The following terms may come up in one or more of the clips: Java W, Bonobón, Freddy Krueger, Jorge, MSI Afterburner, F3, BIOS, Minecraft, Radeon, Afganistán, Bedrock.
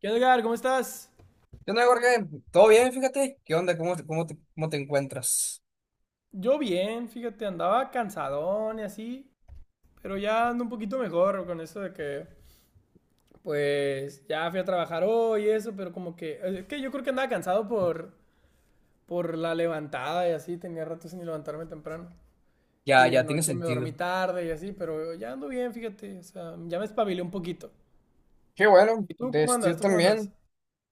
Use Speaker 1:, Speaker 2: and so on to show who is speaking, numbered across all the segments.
Speaker 1: ¿Qué onda, Edgar? ¿Cómo estás?
Speaker 2: ¿Qué onda, Jorge? ¿Todo bien? Fíjate. ¿Qué onda? ¿Cómo te encuentras?
Speaker 1: Yo bien, fíjate, andaba cansadón y así, pero ya ando un poquito mejor con eso de que, pues, ya fui a trabajar hoy y eso, pero como que, es que yo creo que andaba cansado por, la levantada y así, tenía rato sin levantarme temprano.
Speaker 2: Ya,
Speaker 1: Y
Speaker 2: ya tiene
Speaker 1: anoche me dormí
Speaker 2: sentido.
Speaker 1: tarde y así, pero ya ando bien, fíjate, o sea, ya me espabilé un poquito.
Speaker 2: Qué bueno,
Speaker 1: ¿Y tú cómo andas?
Speaker 2: yo también.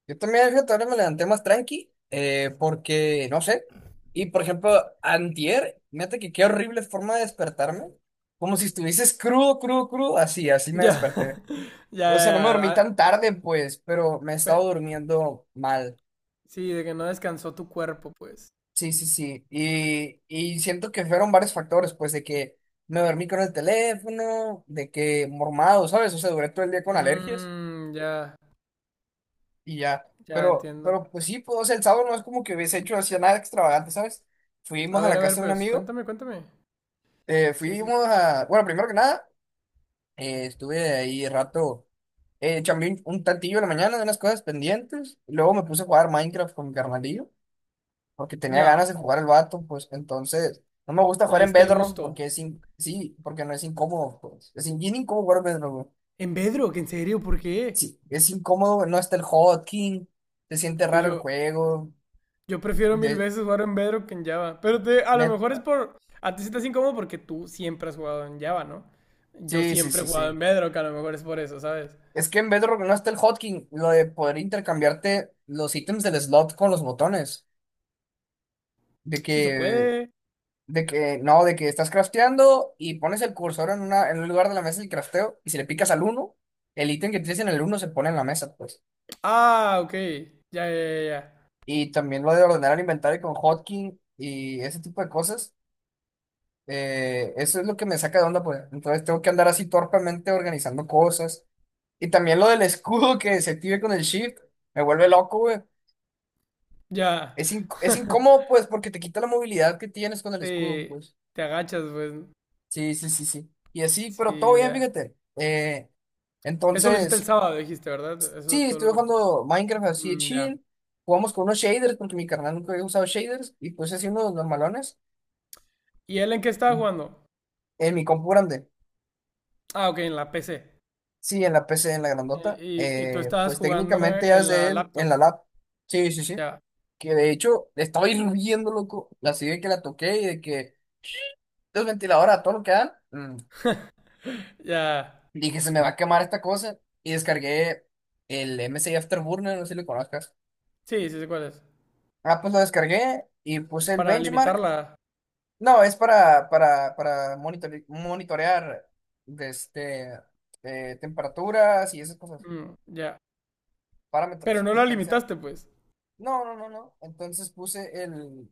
Speaker 2: Yo también, fíjate, ahora me levanté más tranqui, porque, no sé. Y, por ejemplo, antier, fíjate que qué horrible forma de despertarme. Como si estuvieses crudo, crudo, crudo. Así, así me
Speaker 1: Ya,
Speaker 2: desperté.
Speaker 1: ya,
Speaker 2: O
Speaker 1: ya,
Speaker 2: sea, no
Speaker 1: ya,
Speaker 2: me dormí
Speaker 1: ah,
Speaker 2: tan tarde, pues, pero me he
Speaker 1: pe-
Speaker 2: estado durmiendo mal.
Speaker 1: sí, de que no descansó tu cuerpo, pues.
Speaker 2: Sí, sí, sí. Y siento que fueron varios factores, pues, de que me dormí con el teléfono, de que mormado, ¿sabes? O sea, duré todo el día con alergias
Speaker 1: Mmm, ya.
Speaker 2: y ya.
Speaker 1: Ya
Speaker 2: Pero,
Speaker 1: entiendo.
Speaker 2: pero pues sí, pues, o sea, el sábado no es como que hubiese hecho así nada extravagante, ¿sabes? Fuimos a la
Speaker 1: A ver,
Speaker 2: casa de un
Speaker 1: pues
Speaker 2: amigo,
Speaker 1: cuéntame, cuéntame. Sí, sí.
Speaker 2: bueno, primero que nada, estuve ahí rato, chambeé un tantillo en la mañana de unas cosas pendientes. Luego me puse a jugar Minecraft con mi carnalillo, porque tenía
Speaker 1: Ya,
Speaker 2: ganas de jugar el vato. Pues entonces no me gusta
Speaker 1: le
Speaker 2: jugar en
Speaker 1: diste el
Speaker 2: Bedrock
Speaker 1: gusto.
Speaker 2: porque sí, porque no es incómodo, pues. Bien incómodo jugar en Bedrock, güey.
Speaker 1: En Bedrock, ¿en serio? ¿Por qué?
Speaker 2: Sí, es incómodo, no está el hotkey, se siente
Speaker 1: Pues
Speaker 2: raro el
Speaker 1: yo,
Speaker 2: juego,
Speaker 1: yo prefiero mil
Speaker 2: de
Speaker 1: veces jugar en Bedrock que en Java. Pero te, a lo mejor es
Speaker 2: neta.
Speaker 1: por... A ti se te hace incómodo porque tú siempre has jugado en Java, ¿no? Yo
Speaker 2: Sí, sí,
Speaker 1: siempre he
Speaker 2: sí,
Speaker 1: jugado en
Speaker 2: sí.
Speaker 1: Bedrock, a lo mejor es por eso, ¿sabes?
Speaker 2: Es que en Bedrock no está el hotkey, lo de poder intercambiarte los ítems del slot con los botones, de
Speaker 1: Sí se
Speaker 2: que
Speaker 1: puede.
Speaker 2: de que no, de que estás crafteando y pones el cursor en un lugar de la mesa del crafteo, y si le picas al uno, el ítem que tienes en el uno se pone en la mesa, pues.
Speaker 1: Ah, ok. Ya, ya, ya,
Speaker 2: Y también lo de ordenar el inventario con hotkey y ese tipo de cosas. Eso es lo que me saca de onda, pues. Entonces tengo que andar así torpemente organizando cosas. Y también lo del escudo que se active con el shift, me vuelve loco, güey.
Speaker 1: ya.
Speaker 2: Es, inc-
Speaker 1: Ya.
Speaker 2: es incómodo, pues, porque te quita la movilidad que tienes con el escudo,
Speaker 1: Sí,
Speaker 2: pues.
Speaker 1: te agachas, pues.
Speaker 2: Sí, sí, sí, sí. Y así, pero todo
Speaker 1: Sí,
Speaker 2: bien,
Speaker 1: ya.
Speaker 2: fíjate. Eh,
Speaker 1: Eso lo hiciste el
Speaker 2: entonces,
Speaker 1: sábado, dijiste, ¿verdad? Eso
Speaker 2: sí,
Speaker 1: todo lo
Speaker 2: estoy
Speaker 1: que...
Speaker 2: jugando Minecraft así de
Speaker 1: Mm, ya.
Speaker 2: chill. Jugamos con unos shaders, porque mi carnal nunca había usado shaders, y pues así unos normalones.
Speaker 1: ¿Y él en qué estaba jugando?
Speaker 2: En mi compu grande.
Speaker 1: Ah, ok, en la PC.
Speaker 2: Sí, en la PC, en la
Speaker 1: Y,
Speaker 2: grandota.
Speaker 1: y tú
Speaker 2: Eh,
Speaker 1: estabas
Speaker 2: pues
Speaker 1: jugando
Speaker 2: técnicamente
Speaker 1: en la
Speaker 2: hace él en
Speaker 1: laptop.
Speaker 2: la lab. Sí, sí, sí.
Speaker 1: Ya,
Speaker 2: Que de hecho estaba hirviendo, loco. Así de que la toqué y de que los ventiladores a todo lo que dan.
Speaker 1: ya.
Speaker 2: Dije, se me va a quemar esta cosa. Y descargué el MSI Afterburner, no sé si lo conozcas.
Speaker 1: Sí, sí sé cuál es.
Speaker 2: Ah, pues lo descargué y puse el
Speaker 1: Para
Speaker 2: benchmark.
Speaker 1: limitarla.
Speaker 2: No, es para monitorear, de este, temperaturas y esas cosas,
Speaker 1: Mm, ya. Pero
Speaker 2: parámetros.
Speaker 1: no la
Speaker 2: Entonces,
Speaker 1: limitaste, pues.
Speaker 2: no, no, no, no. Entonces puse el,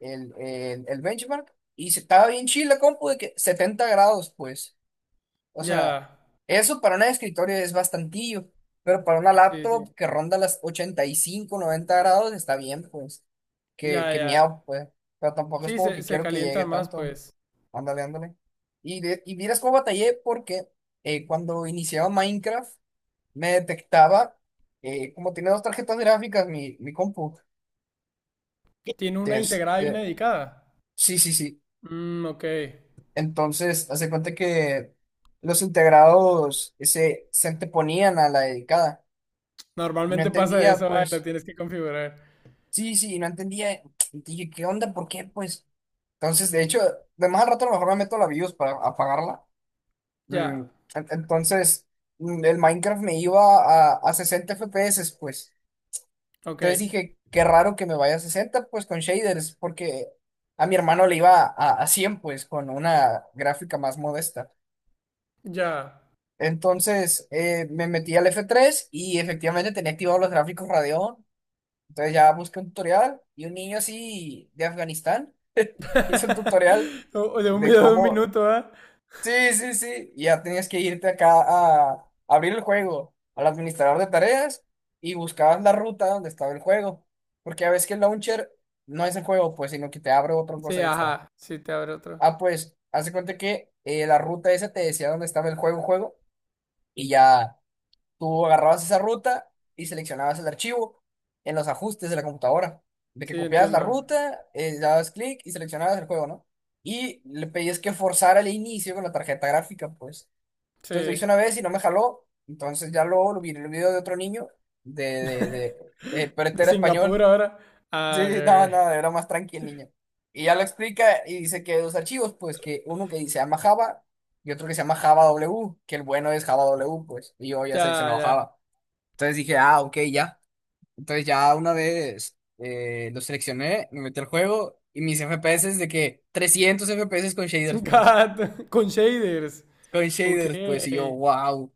Speaker 2: el, el, el benchmark y estaba bien chila, compu, de que 70 grados, pues. O sea,
Speaker 1: Ya.
Speaker 2: eso para un escritorio es bastantillo, pero para una
Speaker 1: Sí, sí.
Speaker 2: laptop que ronda las 85 90 grados está bien, pues. Que,
Speaker 1: Ya,
Speaker 2: que
Speaker 1: ya.
Speaker 2: miau, pues. Pero tampoco es
Speaker 1: Sí,
Speaker 2: como
Speaker 1: se,
Speaker 2: que
Speaker 1: se
Speaker 2: quiero que llegue
Speaker 1: calientan más,
Speaker 2: tanto.
Speaker 1: pues.
Speaker 2: Ándale, ándale. Y miras cómo batallé, porque cuando iniciaba Minecraft me detectaba, como tiene dos tarjetas gráficas mi compu.
Speaker 1: Tiene una integrada y una
Speaker 2: Este,
Speaker 1: dedicada.
Speaker 2: sí, sí, sí.
Speaker 1: Mm, ok.
Speaker 2: Entonces, hace cuenta que los integrados se anteponían a la dedicada, y no
Speaker 1: Normalmente pasa
Speaker 2: entendía,
Speaker 1: eso, ay, lo
Speaker 2: pues,
Speaker 1: tienes que configurar.
Speaker 2: sí, sí, y no entendía. Y dije, ¿qué onda? ¿Por qué? Pues, entonces, de hecho, de más al rato a lo mejor me meto a la BIOS para apagarla. Mm,
Speaker 1: Ya.
Speaker 2: Entonces, el Minecraft me iba a 60 FPS, pues.
Speaker 1: Ok.
Speaker 2: Entonces dije, qué raro que me vaya a 60, pues, con shaders, porque a mi hermano le iba a cien, pues, con una gráfica más modesta.
Speaker 1: Ya.
Speaker 2: Entonces, me metí al F3 y efectivamente tenía activados los gráficos Radeon. Entonces ya busqué un tutorial, y un niño así de Afganistán hizo un tutorial
Speaker 1: O- o De un
Speaker 2: de
Speaker 1: video de un
Speaker 2: cómo...
Speaker 1: minuto, ¿ah?
Speaker 2: Sí, sí, sí. Y ya tenías que irte acá a abrir el juego al administrador de tareas y buscabas la ruta donde estaba el juego. Porque a veces que el launcher no es el juego, pues, sino que te abre otra
Speaker 1: Sí,
Speaker 2: cosa extra.
Speaker 1: ajá. Sí, te abre otro.
Speaker 2: Ah, pues, hace cuenta que la ruta esa te decía dónde estaba el juego, juego, y ya. Tú agarrabas esa ruta y seleccionabas el archivo en los ajustes de la computadora. De que
Speaker 1: Sí,
Speaker 2: copiabas la
Speaker 1: entiendo.
Speaker 2: ruta, dabas clic y seleccionabas el juego, ¿no? Y le pedías que forzara el inicio con la tarjeta gráfica, pues.
Speaker 1: Sí.
Speaker 2: Entonces lo hice una vez y no me jaló. Entonces ya luego lo vi en el video de otro niño, de, de, de, pero
Speaker 1: De
Speaker 2: este era
Speaker 1: Singapur
Speaker 2: español.
Speaker 1: ahora. Ah, ok,
Speaker 2: Sí, no,
Speaker 1: ok.
Speaker 2: no, era más tranqui el niño. Y ya lo explica y dice que hay dos archivos, pues, que uno que se llama Java y otro que se llama Java W, que el bueno es Java W, pues. Y yo ya
Speaker 1: Ya,
Speaker 2: seleccionado
Speaker 1: ya.
Speaker 2: Java. Entonces dije, ah, ok, ya. Entonces ya una vez lo seleccioné, me metí al juego, y mis FPS de que 300 FPS con
Speaker 1: God
Speaker 2: shaders, pues.
Speaker 1: con shaders.
Speaker 2: Con
Speaker 1: Ok.
Speaker 2: shaders, pues. Y yo, wow.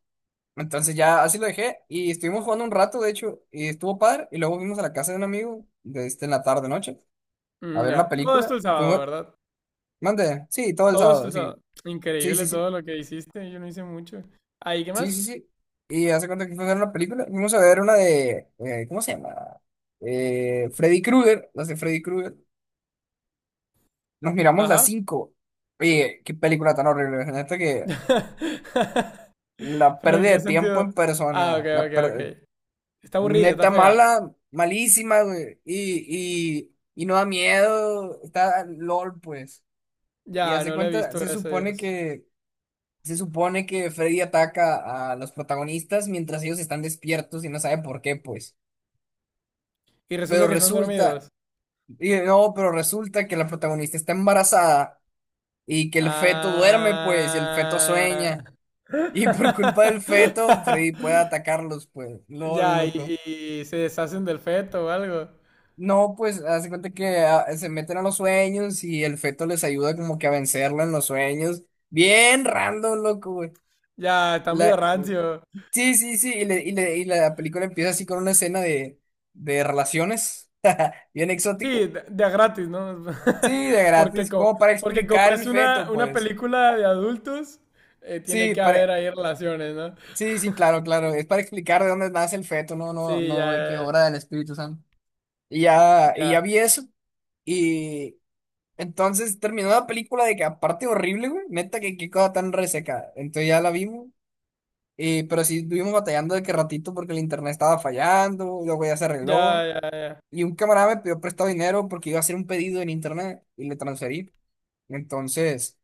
Speaker 2: Entonces ya así lo dejé, y estuvimos jugando un rato, de hecho, y estuvo padre. Y luego fuimos a la casa de un amigo en la tarde, noche, a
Speaker 1: Mm,
Speaker 2: ver una
Speaker 1: ya. Todo esto
Speaker 2: película.
Speaker 1: el sábado,
Speaker 2: Fuimos,
Speaker 1: ¿verdad?
Speaker 2: mande, sí, todo el
Speaker 1: Todo esto
Speaker 2: sábado,
Speaker 1: el
Speaker 2: sí.
Speaker 1: sábado.
Speaker 2: Sí, sí,
Speaker 1: Increíble
Speaker 2: sí.
Speaker 1: todo lo que hiciste. Yo no hice mucho. Ahí, ¿qué
Speaker 2: Sí,
Speaker 1: más?
Speaker 2: sí, sí. Y hace cuenta que fuimos a ver una película. Fuimos a ver una de, ¿cómo se llama? Freddy Krueger, las de Freddy Krueger. Nos miramos las
Speaker 1: Ajá.
Speaker 2: cinco. Oye, qué película tan horrible. Neta que la
Speaker 1: Pero ¿en
Speaker 2: pérdida
Speaker 1: qué
Speaker 2: de tiempo
Speaker 1: sentido?
Speaker 2: en
Speaker 1: Ah, ok,
Speaker 2: persona.
Speaker 1: ok, ok. Está aburrida, está
Speaker 2: Neta
Speaker 1: fea.
Speaker 2: mala, malísima, güey. Y no da miedo. Está LOL, pues. Y
Speaker 1: Ya,
Speaker 2: hace
Speaker 1: no lo he
Speaker 2: cuenta,
Speaker 1: visto,
Speaker 2: se
Speaker 1: gracias a
Speaker 2: supone
Speaker 1: Dios.
Speaker 2: que, se supone que Freddy ataca a los protagonistas mientras ellos están despiertos y no sabe por qué, pues.
Speaker 1: Y resulta
Speaker 2: Pero
Speaker 1: que están
Speaker 2: resulta,
Speaker 1: dormidos.
Speaker 2: y no, pero resulta que la protagonista está embarazada, y que el feto duerme, pues, y el feto
Speaker 1: Ah.
Speaker 2: sueña. Y por culpa del feto, Freddy puede atacarlos, pues. LOL,
Speaker 1: Ya,
Speaker 2: loco.
Speaker 1: y se deshacen del feto o algo.
Speaker 2: No, pues, hace cuenta que ah, se meten a los sueños y el feto les ayuda como que a vencerlo en los sueños. Bien random, loco, güey.
Speaker 1: Ya, está
Speaker 2: La-
Speaker 1: medio rancio.
Speaker 2: Sí, sí, sí. Y la película empieza así con una escena de relaciones. Bien
Speaker 1: Sí,
Speaker 2: exótico.
Speaker 1: de a gratis, ¿no?
Speaker 2: Sí, de
Speaker 1: Porque
Speaker 2: gratis.
Speaker 1: como,
Speaker 2: Como para
Speaker 1: porque como
Speaker 2: explicar
Speaker 1: es
Speaker 2: el feto,
Speaker 1: una
Speaker 2: pues.
Speaker 1: película de adultos, tiene
Speaker 2: Sí,
Speaker 1: que
Speaker 2: para...
Speaker 1: haber ahí relaciones, ¿no?
Speaker 2: Sí, sí, claro, claro. Es para explicar de dónde nace el feto, no, no,
Speaker 1: Sí,
Speaker 2: no, de qué
Speaker 1: ya,
Speaker 2: obra del Espíritu Santo. Y ya
Speaker 1: ya,
Speaker 2: vi eso. Y entonces terminó la película, de que aparte horrible, güey. Neta, que qué cosa tan reseca. Entonces ya la vimos. Pero sí estuvimos batallando de que ratito porque el internet estaba fallando. Luego ya se
Speaker 1: ya,
Speaker 2: arregló.
Speaker 1: ya, ya.
Speaker 2: Y un camarada me pidió prestado dinero porque iba a hacer un pedido en internet y le transferí. Entonces,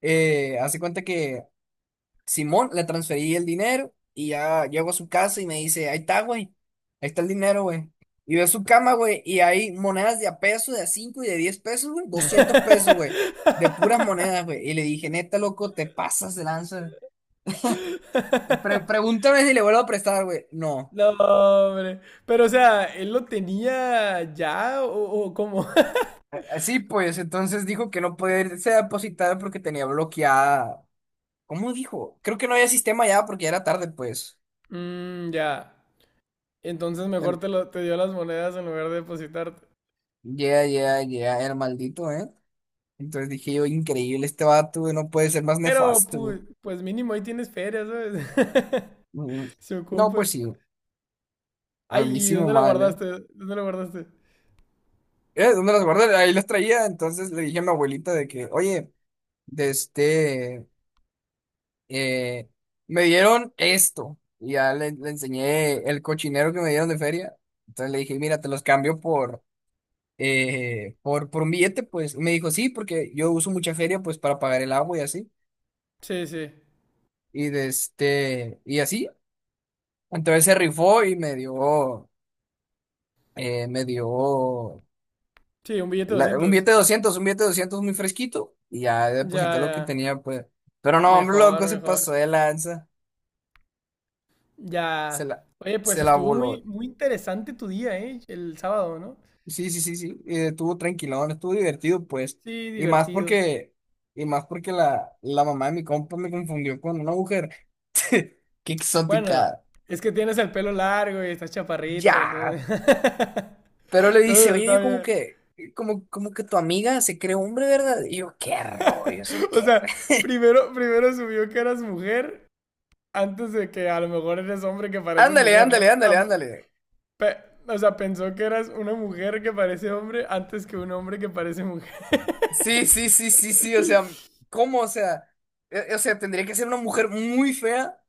Speaker 2: hace cuenta que, Simón, le transferí el dinero y ya llego a su casa y me dice, ahí está, güey, ahí está el dinero, güey. Y veo su cama, güey, y hay monedas de a peso, de a cinco y de 10 pesos, güey, 200 pesos, güey, de puras monedas, güey. Y le dije, neta, loco, te pasas de lanza.
Speaker 1: Ya.
Speaker 2: Pregúntame si le vuelvo a prestar, güey. No.
Speaker 1: No, hombre. Pero, o sea, ¿él lo tenía ya o cómo?
Speaker 2: Así pues, entonces dijo que no podía irse a depositar porque tenía bloqueada. ¿Cómo dijo? Creo que no había sistema ya porque ya era tarde, pues.
Speaker 1: Mm, ya. Entonces mejor
Speaker 2: En-
Speaker 1: te, lo, te dio las monedas en lugar de depositarte.
Speaker 2: Ya, ya, ya, el maldito, ¿eh? Entonces dije yo, increíble, este vato, güey, no puede ser más
Speaker 1: Pero,
Speaker 2: nefasto, güey.
Speaker 1: pues, pues mínimo ahí tienes feria, ¿sabes?
Speaker 2: Mm,
Speaker 1: Se
Speaker 2: no,
Speaker 1: ocupa.
Speaker 2: pues sí, a
Speaker 1: Ay,
Speaker 2: mí
Speaker 1: ¿y
Speaker 2: sí me
Speaker 1: dónde la
Speaker 2: mal, ¿eh?
Speaker 1: guardaste? ¿Dónde la guardaste?
Speaker 2: ¿Dónde las guardé? Ahí las traía. Entonces le dije a mi abuelita de que, oye, de este, eh, me dieron esto. Y ya le enseñé el cochinero que me dieron de feria. Entonces le dije, mira, te los cambio por un billete, pues. Y me dijo, sí, porque yo uso mucha feria, pues, para pagar el agua y así.
Speaker 1: Sí, sí.
Speaker 2: Y así. Entonces se rifó y me dio. eh, me dio
Speaker 1: Sí, un billete de
Speaker 2: la- un
Speaker 1: 200.
Speaker 2: billete de 200 muy fresquito, y ya
Speaker 1: Ya,
Speaker 2: deposité lo que
Speaker 1: ya.
Speaker 2: tenía, pues. Pero no, hombre,
Speaker 1: Mejor,
Speaker 2: loco, se
Speaker 1: mejor.
Speaker 2: pasó de lanza, se
Speaker 1: Ya.
Speaker 2: la,
Speaker 1: Oye, pues
Speaker 2: se la
Speaker 1: estuvo muy,
Speaker 2: voló.
Speaker 1: muy interesante tu día, ¿eh? El sábado, ¿no?
Speaker 2: Sí, sí, sí, sí, y estuvo tranquilón, estuvo divertido, pues.
Speaker 1: Sí,
Speaker 2: Y más
Speaker 1: divertido.
Speaker 2: porque, y más porque la mamá de mi compa me confundió con una mujer, qué
Speaker 1: Bueno,
Speaker 2: exótica,
Speaker 1: es que tienes el pelo largo y estás chaparrito,
Speaker 2: ya.
Speaker 1: entonces.
Speaker 2: Pero le dice,
Speaker 1: Todo
Speaker 2: oye,
Speaker 1: está
Speaker 2: yo como
Speaker 1: bien.
Speaker 2: que, como, como que tu amiga se cree hombre, ¿verdad? Y yo, qué rollo, eso
Speaker 1: O
Speaker 2: qué.
Speaker 1: sea, primero, primero subió que eras mujer antes de que a lo mejor eres hombre que parece
Speaker 2: Ándale,
Speaker 1: mujer, ¿no?
Speaker 2: ándale, ándale, ándale.
Speaker 1: Pe- o sea, pensó que eras una mujer que parece hombre antes que un hombre que parece mujer.
Speaker 2: Sí, sí, sí, sí, sí, o sea, ¿cómo? O sea, tendría que ser una mujer muy fea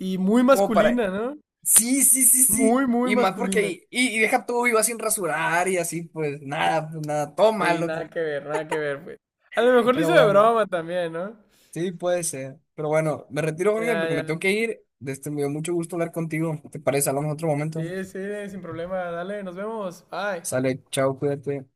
Speaker 1: Y muy
Speaker 2: como para...
Speaker 1: masculina, ¿no?
Speaker 2: Sí, sí, sí, sí,
Speaker 1: Muy, muy
Speaker 2: y más porque
Speaker 1: masculina.
Speaker 2: ahí, y deja todo viva sin rasurar y así, pues nada, todo
Speaker 1: Sí,
Speaker 2: malo, pues.
Speaker 1: nada que ver, nada que ver, pues. A lo mejor lo
Speaker 2: Pero
Speaker 1: hizo de
Speaker 2: bueno,
Speaker 1: broma también, ¿no?
Speaker 2: sí, puede ser, pero bueno, me retiro, Jorge,
Speaker 1: Ya,
Speaker 2: porque me tengo
Speaker 1: ya.
Speaker 2: que ir, me dio mucho gusto hablar contigo. ¿Te parece? Hablamos en otro momento,
Speaker 1: Sí, sí, sin problema. Dale, nos vemos. Bye.
Speaker 2: sale, chao, cuídate.